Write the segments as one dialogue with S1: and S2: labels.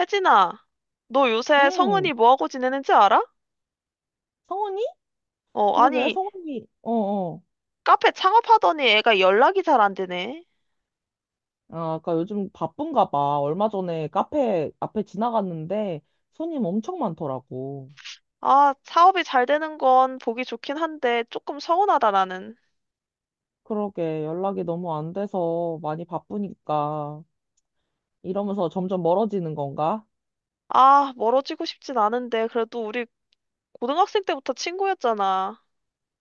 S1: 혜진아, 너 요새
S2: 응,
S1: 성은이 뭐하고 지내는지 알아?
S2: 성훈이?
S1: 어,
S2: 그러게,
S1: 아니,
S2: 성훈이, 어어.
S1: 카페 창업하더니 애가 연락이 잘 안 되네.
S2: 아, 그니까 요즘 바쁜가 봐. 얼마 전에 카페 앞에 지나갔는데 손님 엄청 많더라고.
S1: 아, 사업이 잘 되는 건 보기 좋긴 한데 조금 서운하다, 나는.
S2: 그러게, 연락이 너무 안 돼서 많이 바쁘니까. 이러면서 점점 멀어지는 건가?
S1: 아, 멀어지고 싶진 않은데 그래도 우리 고등학생 때부터 친구였잖아.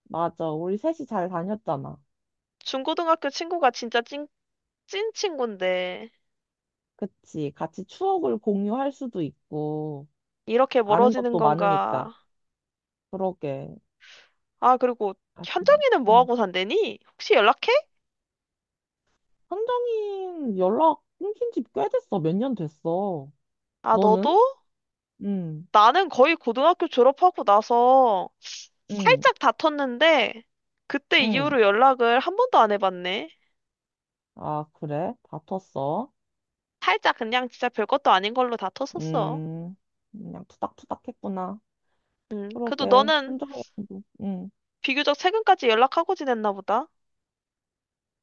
S2: 맞아, 우리 셋이 잘 다녔잖아.
S1: 중고등학교 친구가 진짜 찐 친구인데
S2: 그치, 같이 추억을 공유할 수도 있고,
S1: 이렇게
S2: 아는
S1: 멀어지는
S2: 것도 많으니까.
S1: 건가?
S2: 그러게,
S1: 아, 그리고
S2: 아쉽네.
S1: 현정이는
S2: 응.
S1: 뭐하고 산대니? 혹시 연락해?
S2: 선정인 연락 끊긴 지 꽤 됐어. 몇 년 됐어.
S1: 아,
S2: 너는?
S1: 너도?
S2: 응,
S1: 나는 거의 고등학교 졸업하고 나서
S2: 응,
S1: 살짝 다퉜는데 그때
S2: 응.
S1: 이후로 연락을 한 번도 안 해봤네.
S2: 아, 그래? 다퉜어?
S1: 살짝 그냥 진짜 별것도 아닌 걸로 다퉜었어.
S2: 음, 그냥 투닥투닥 했구나.
S1: 그래도
S2: 그러게,
S1: 너는
S2: 현장에서도. 응,
S1: 비교적 최근까지 연락하고 지냈나 보다.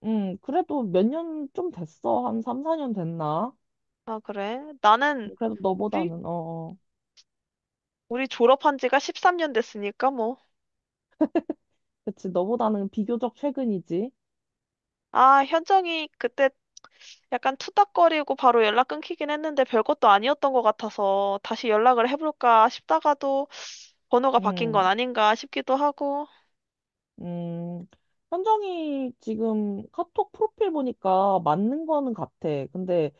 S2: 응. 그래도 몇 년 좀 됐어. 한 3, 4년 됐나?
S1: 아, 그래? 나는
S2: 그래도
S1: 우리
S2: 너보다는, 어, 어.
S1: 우리 졸업한 지가 13년 됐으니까 뭐.
S2: 그치, 너보다는 비교적 최근이지.
S1: 아, 현정이 그때 약간 투닥거리고 바로 연락 끊기긴 했는데 별것도 아니었던 것 같아서 다시 연락을 해볼까 싶다가도 번호가 바뀐
S2: 음,
S1: 건 아닌가 싶기도 하고.
S2: 음. 현정이 지금 카톡 프로필 보니까 맞는 거는 같아. 근데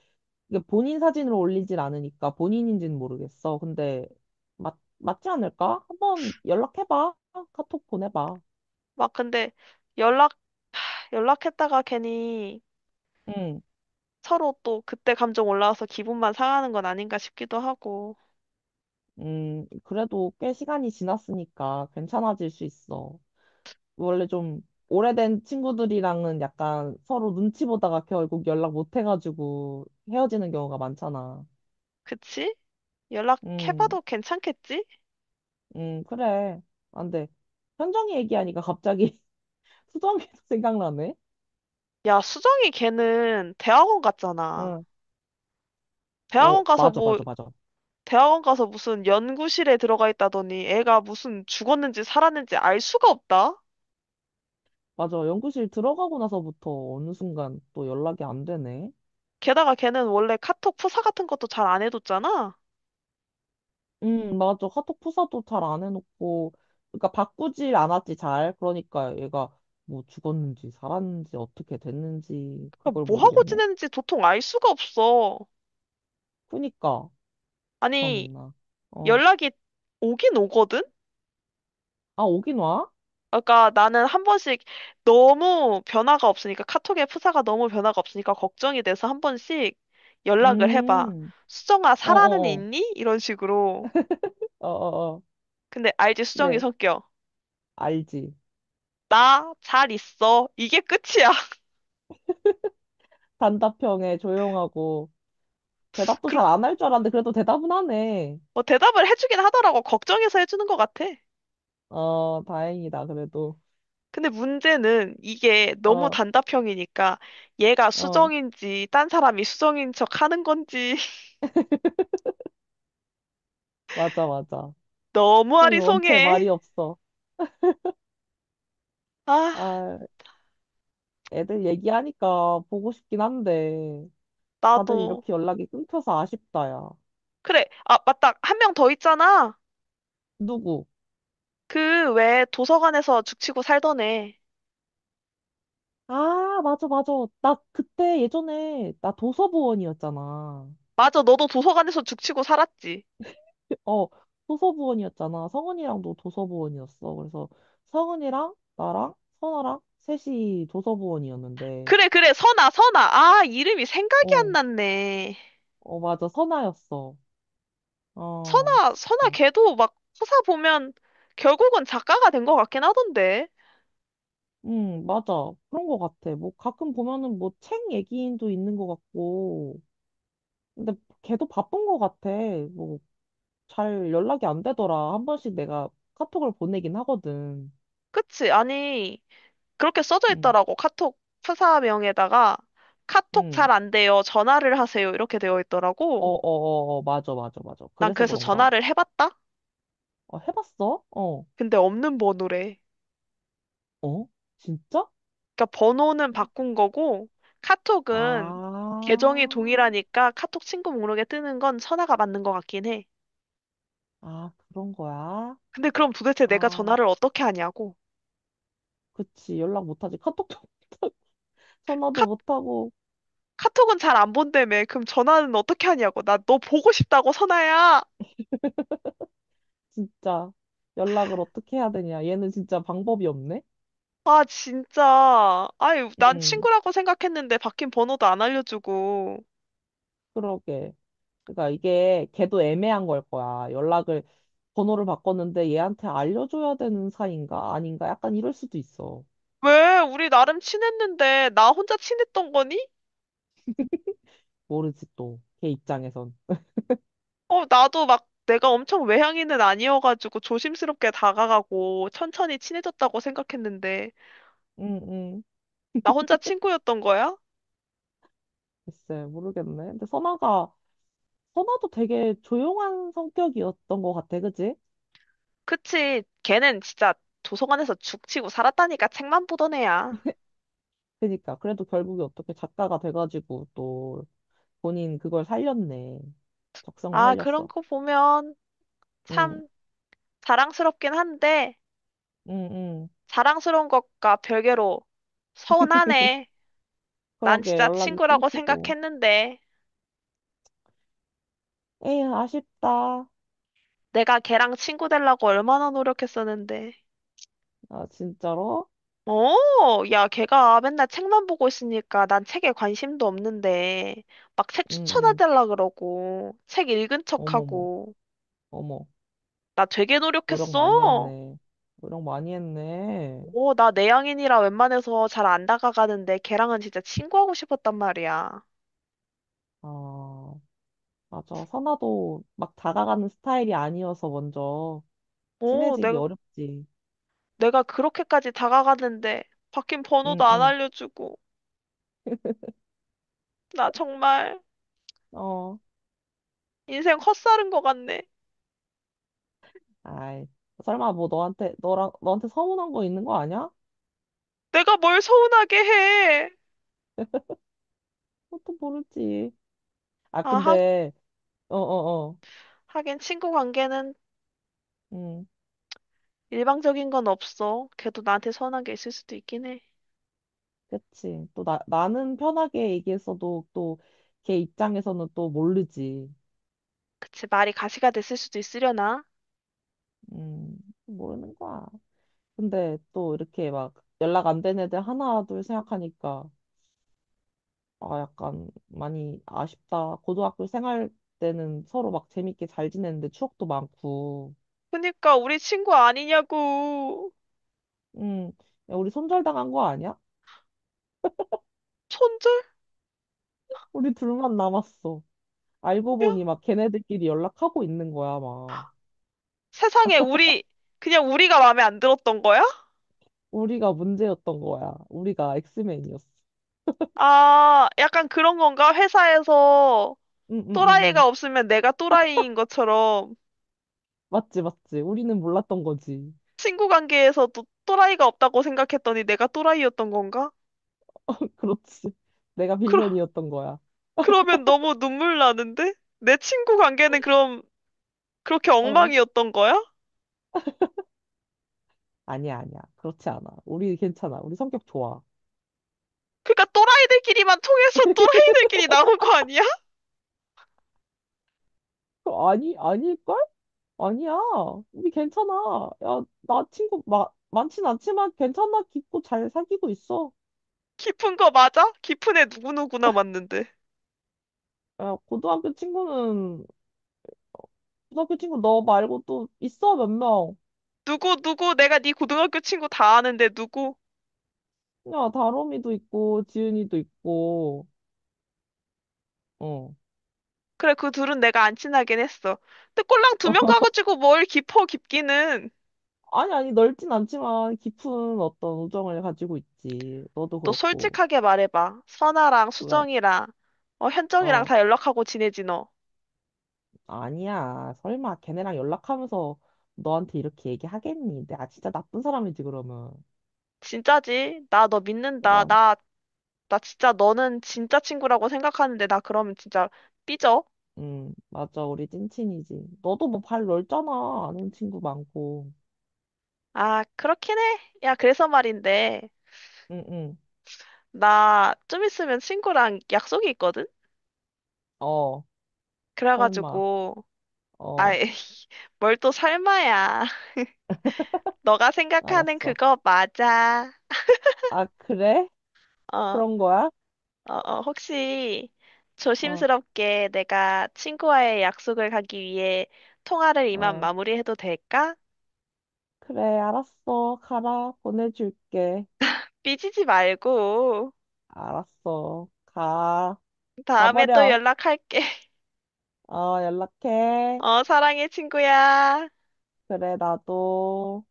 S2: 이게 본인 사진으로 올리질 않으니까 본인인지는 모르겠어. 근데 맞지 않을까? 한번 연락해봐. 카톡 보내봐.
S1: 막 근데 연락, 연락했다가 괜히
S2: 응,
S1: 서로 또 그때 감정 올라와서 기분만 상하는 건 아닌가 싶기도 하고.
S2: 그래도 꽤 시간이 지났으니까 괜찮아질 수 있어. 원래 좀 오래된 친구들이랑은 약간 서로 눈치 보다가 결국 연락 못 해가지고 헤어지는 경우가 많잖아.
S1: 그치?
S2: 음,
S1: 연락해봐도 괜찮겠지?
S2: 그래. 안 돼. 현정이 얘기하니까 갑자기 수정이도 생각나네.
S1: 야, 수정이 걔는 대학원 갔잖아.
S2: 응. 어,
S1: 대학원 가서
S2: 맞아,
S1: 뭐,
S2: 맞아, 맞아.
S1: 대학원 가서 무슨 연구실에 들어가 있다더니 애가 무슨 죽었는지 살았는지 알 수가 없다?
S2: 맞아. 연구실 들어가고 나서부터 어느 순간 또 연락이 안 되네.
S1: 게다가 걔는 원래 카톡 프사 같은 것도 잘 안 해뒀잖아?
S2: 맞아. 카톡 프사도 잘 안 해놓고, 그러니까 바꾸질 않았지, 잘. 그러니까 얘가 뭐 죽었는지 살았는지 어떻게 됐는지
S1: 그러니까
S2: 그걸
S1: 뭐 하고
S2: 모르겠네.
S1: 지내는지 도통 알 수가 없어.
S2: 그니까,
S1: 아니,
S2: 참나. 어.
S1: 연락이 오긴 오거든?
S2: 아, 오긴 와?
S1: 그러니까 나는 한 번씩 너무 변화가 없으니까 카톡의 프사가 너무 변화가 없으니까 걱정이 돼서 한 번씩 연락을 해봐.
S2: 음,
S1: 수정아, 살아는
S2: 어어어.
S1: 있니? 이런 식으로.
S2: 어 어 어.
S1: 근데 알지, 수정이
S2: 네,
S1: 성격.
S2: 알지.
S1: 나 잘 있어. 이게 끝이야.
S2: 단답형에 조용하고, 대답도
S1: 그,
S2: 잘 안 할 줄 알았는데, 그래도 대답은 하네.
S1: 뭐 대답을 해주긴 하더라고. 걱정해서 해주는 것 같아.
S2: 어, 다행이다, 그래도.
S1: 근데 문제는 이게 너무
S2: 어,
S1: 단답형이니까 얘가
S2: 어.
S1: 수정인지 딴 사람이 수정인 척 하는 건지
S2: 맞아, 맞아.
S1: 너무
S2: 수정이 원체
S1: 아리송해.
S2: 말이 없어.
S1: 아,
S2: 아, 애들 얘기하니까 보고 싶긴 한데, 다들
S1: 나도.
S2: 이렇게 연락이 끊겨서 아쉽다, 야.
S1: 그래. 아, 맞다. 한 명 더 있잖아.
S2: 누구?
S1: 그 왜 도서관에서 죽치고 살던 애.
S2: 아, 맞아, 맞아. 나 그때 예전에, 나 도서부원이었잖아.
S1: 맞아. 너도 도서관에서 죽치고 살았지.
S2: 어, 도서부원이었잖아. 성은이랑도 도서부원이었어. 그래서 성은이랑 나랑 선아랑 셋이 도서부원이었는데,
S1: 그래, 그래. 선아, 선아. 아, 이름이 생각이 안
S2: 어,
S1: 났네.
S2: 어, 맞아. 선아였어. 어,
S1: 선아, 선아
S2: 진짜.
S1: 걔도 막 서사 보면 결국은 작가가 된 것 같긴 하던데.
S2: 응, 맞아. 그런 거 같아. 뭐 가끔 보면은 뭐 책 얘기인도 있는 거 같고. 근데 걔도 바쁜 거 같아. 뭐 잘 연락이 안 되더라. 한 번씩 내가 카톡을 보내긴 하거든.
S1: 그치? 아니, 그렇게 써져
S2: 응,
S1: 있더라고. 카톡 서사명에다가 카톡
S2: 응.
S1: 잘 안 돼요. 전화를 하세요. 이렇게 되어
S2: 어,
S1: 있더라고.
S2: 어, 어, 어, 맞아, 맞아, 맞아.
S1: 난
S2: 그래서
S1: 그래서
S2: 그런가?
S1: 전화를 해봤다?
S2: 어, 해봤어? 어,
S1: 근데 없는 번호래.
S2: 어? 진짜?
S1: 그러니까 번호는 바꾼 거고
S2: 아,
S1: 카톡은 계정이 동일하니까 카톡 친구 목록에 뜨는 건 선아가 맞는 것 같긴 해.
S2: 아, 그런 거야?
S1: 근데 그럼 도대체 내가
S2: 아,
S1: 전화를 어떻게 하냐고.
S2: 그치. 연락 못하지. 카톡도 못하고,
S1: 카,
S2: 전화도 못하고.
S1: 카톡은 잘 안 본다며. 그럼 전화는 어떻게 하냐고. 나 너 보고 싶다고 선아야.
S2: 진짜 연락을 어떻게 해야 되냐. 얘는 진짜 방법이 없네?
S1: 아 진짜. 아유 난
S2: 음,
S1: 친구라고 생각했는데 바뀐 번호도 안 알려주고.
S2: 그러게. 그러니까 이게 걔도 애매한 걸 거야. 연락을, 번호를 바꿨는데 얘한테 알려줘야 되는 사이인가? 아닌가? 약간 이럴 수도 있어.
S1: 왜? 우리 나름 친했는데 나 혼자 친했던 거니?
S2: 모르지 또. 걔 입장에선.
S1: 어, 나도 막 내가 엄청 외향인은 아니어가지고 조심스럽게 다가가고 천천히 친해졌다고 생각했는데
S2: 응, 응.
S1: 나 혼자 친구였던 거야?
S2: 글쎄, 모르겠네. 근데 선아가, 선아도 되게 조용한 성격이었던 것 같아. 그지?
S1: 그치. 걔는 진짜 도서관에서 죽치고 살았다니까 책만 보던 애야.
S2: 그니까. 그래도 결국에 어떻게 작가가 돼가지고 또 본인 그걸 살렸네. 적성을
S1: 아, 그런
S2: 살렸어.
S1: 거 보면
S2: 응,
S1: 참 자랑스럽긴 한데
S2: 응, 응.
S1: 자랑스러운 것과 별개로 서운하네. 난
S2: 그러게
S1: 진짜
S2: 연락이
S1: 친구라고
S2: 끊기고.
S1: 생각했는데
S2: 에휴, 아쉽다.
S1: 내가 걔랑 친구 되려고 얼마나 노력했었는데.
S2: 아, 진짜로?
S1: 어, 야, 걔가 맨날 책만 보고 있으니까 난 책에 관심도 없는데, 막 책
S2: 응, 응.
S1: 추천해달라 그러고, 책 읽은
S2: 어머머,
S1: 척하고,
S2: 어머.
S1: 나 되게
S2: 노력 많이
S1: 노력했어.
S2: 했네. 노력 많이 했네.
S1: 어, 나 내향인이라 웬만해서 잘 안 다가가는데 걔랑은 진짜 친구하고 싶었단 말이야.
S2: 아, 맞아. 선아도 막 다가가는 스타일이 아니어서 먼저
S1: 어,
S2: 친해지기
S1: 내가,
S2: 어렵지.
S1: 내가 그렇게까지 다가가는데, 바뀐 번호도
S2: 응,
S1: 안
S2: 응.
S1: 알려주고, 나 정말
S2: 어,
S1: 인생 헛살은 것 같네.
S2: 아이. 설마 뭐 너한테, 너랑, 너한테 서운한 거 있는 거 아니야?
S1: 내가 뭘 서운하게 해.
S2: 그것도 모르지. 아,
S1: 아, 하,
S2: 근데, 어어어.
S1: 하긴 친구 관계는
S2: 응.
S1: 일방적인 건 없어. 걔도 나한테 선한 게 있을 수도 있긴 해.
S2: 그치. 또 나는 편하게 얘기했어도 또 걔 입장에서는 또 모르지.
S1: 그치, 말이 가시가 됐을 수도 있으려나?
S2: 음, 모르는 거야. 근데 또 이렇게 막 연락 안 된 애들 하나, 둘 생각하니까 아, 약간 많이 아쉽다. 고등학교 생활 때는 서로 막 재밌게 잘 지냈는데 추억도 많고.
S1: 그니까 우리 친구 아니냐고.
S2: 음, 야, 우리 손절당한 거 아니야?
S1: 손절?
S2: 우리 둘만 남았어. 알고
S1: 야,
S2: 보니 막 걔네들끼리 연락하고 있는 거야, 막.
S1: 세상에 우리 그냥 우리가 마음에 안 들었던 거야?
S2: 우리가 문제였던 거야. 우리가 엑스맨이었어.
S1: 아, 약간 그런 건가? 회사에서
S2: 응응응응.
S1: 또라이가 없으면 내가 또라이인 것처럼
S2: 맞지, 맞지. 우리는 몰랐던 거지.
S1: 친구 관계에서도 또라이가 없다고 생각했더니 내가 또라이였던 건가?
S2: 그렇지. 내가
S1: 그러,
S2: 빌런이었던 거야.
S1: 그러면 너무 눈물 나는데? 내 친구 관계는 그럼 그렇게
S2: 어.
S1: 엉망이었던 거야?
S2: 아니야, 아니야. 그렇지 않아. 우리 괜찮아. 우리 성격 좋아.
S1: 그러니까 또라이들끼리만 통해서 또라이들끼리 나온 거 아니야?
S2: 어, 아니, 아닐걸? 아니야. 우리 괜찮아. 야, 나 친구 많진 않지만 괜찮아. 깊고 잘 사귀고 있어.
S1: 깊은 거 맞아? 깊은 애 누구누구나 맞는데.
S2: 야, 고등학교 친구 너 말고 또 있어, 몇 명.
S1: 누구 누구 내가 네 고등학교 친구 다 아는데 누구?
S2: 야, 다롬이도 있고, 지은이도 있고, 어.
S1: 그래 그 둘은 내가 안 친하긴 했어. 근데 꼴랑 두 명 가가지고 뭘 깊어 깊기는.
S2: 아니, 아니, 넓진 않지만 깊은 어떤 우정을 가지고 있지. 너도
S1: 너
S2: 그렇고.
S1: 솔직하게 말해봐. 선아랑
S2: 왜?
S1: 수정이랑 어, 현정이랑
S2: 어,
S1: 다 연락하고 지내지 너.
S2: 아니야. 설마 걔네랑 연락하면서 너한테 이렇게 얘기하겠니? 내가 진짜 나쁜 사람이지, 그러면.
S1: 진짜지? 나 너 믿는다.
S2: 그럼,
S1: 나 진짜 너는 진짜 친구라고 생각하는데 나 그러면 진짜 삐져.
S2: 맞아. 우리 찐친이지. 너도 뭐 발 넓잖아. 아는 친구 많고.
S1: 아, 그렇긴 해. 야, 그래서 말인데.
S2: 응, 응.
S1: 나 좀 있으면 친구랑 약속이 있거든?
S2: 어, 설마.
S1: 그래가지고,
S2: 어,
S1: 아이, 뭘 또 설마야. 너가 생각하는
S2: 알았어.
S1: 그거 맞아.
S2: 아, 그래?
S1: 어, 어,
S2: 그런 거야?
S1: 어, 혹시
S2: 어,
S1: 조심스럽게 내가 친구와의 약속을 가기 위해 통화를 이만
S2: 어.
S1: 마무리해도 될까?
S2: 그래, 알았어. 가라. 보내줄게.
S1: 삐지지 말고.
S2: 알았어. 가.
S1: 다음에 또
S2: 가버려.
S1: 연락할게.
S2: 어, 연락해.
S1: 어, 사랑해, 친구야.
S2: 그래, 나도.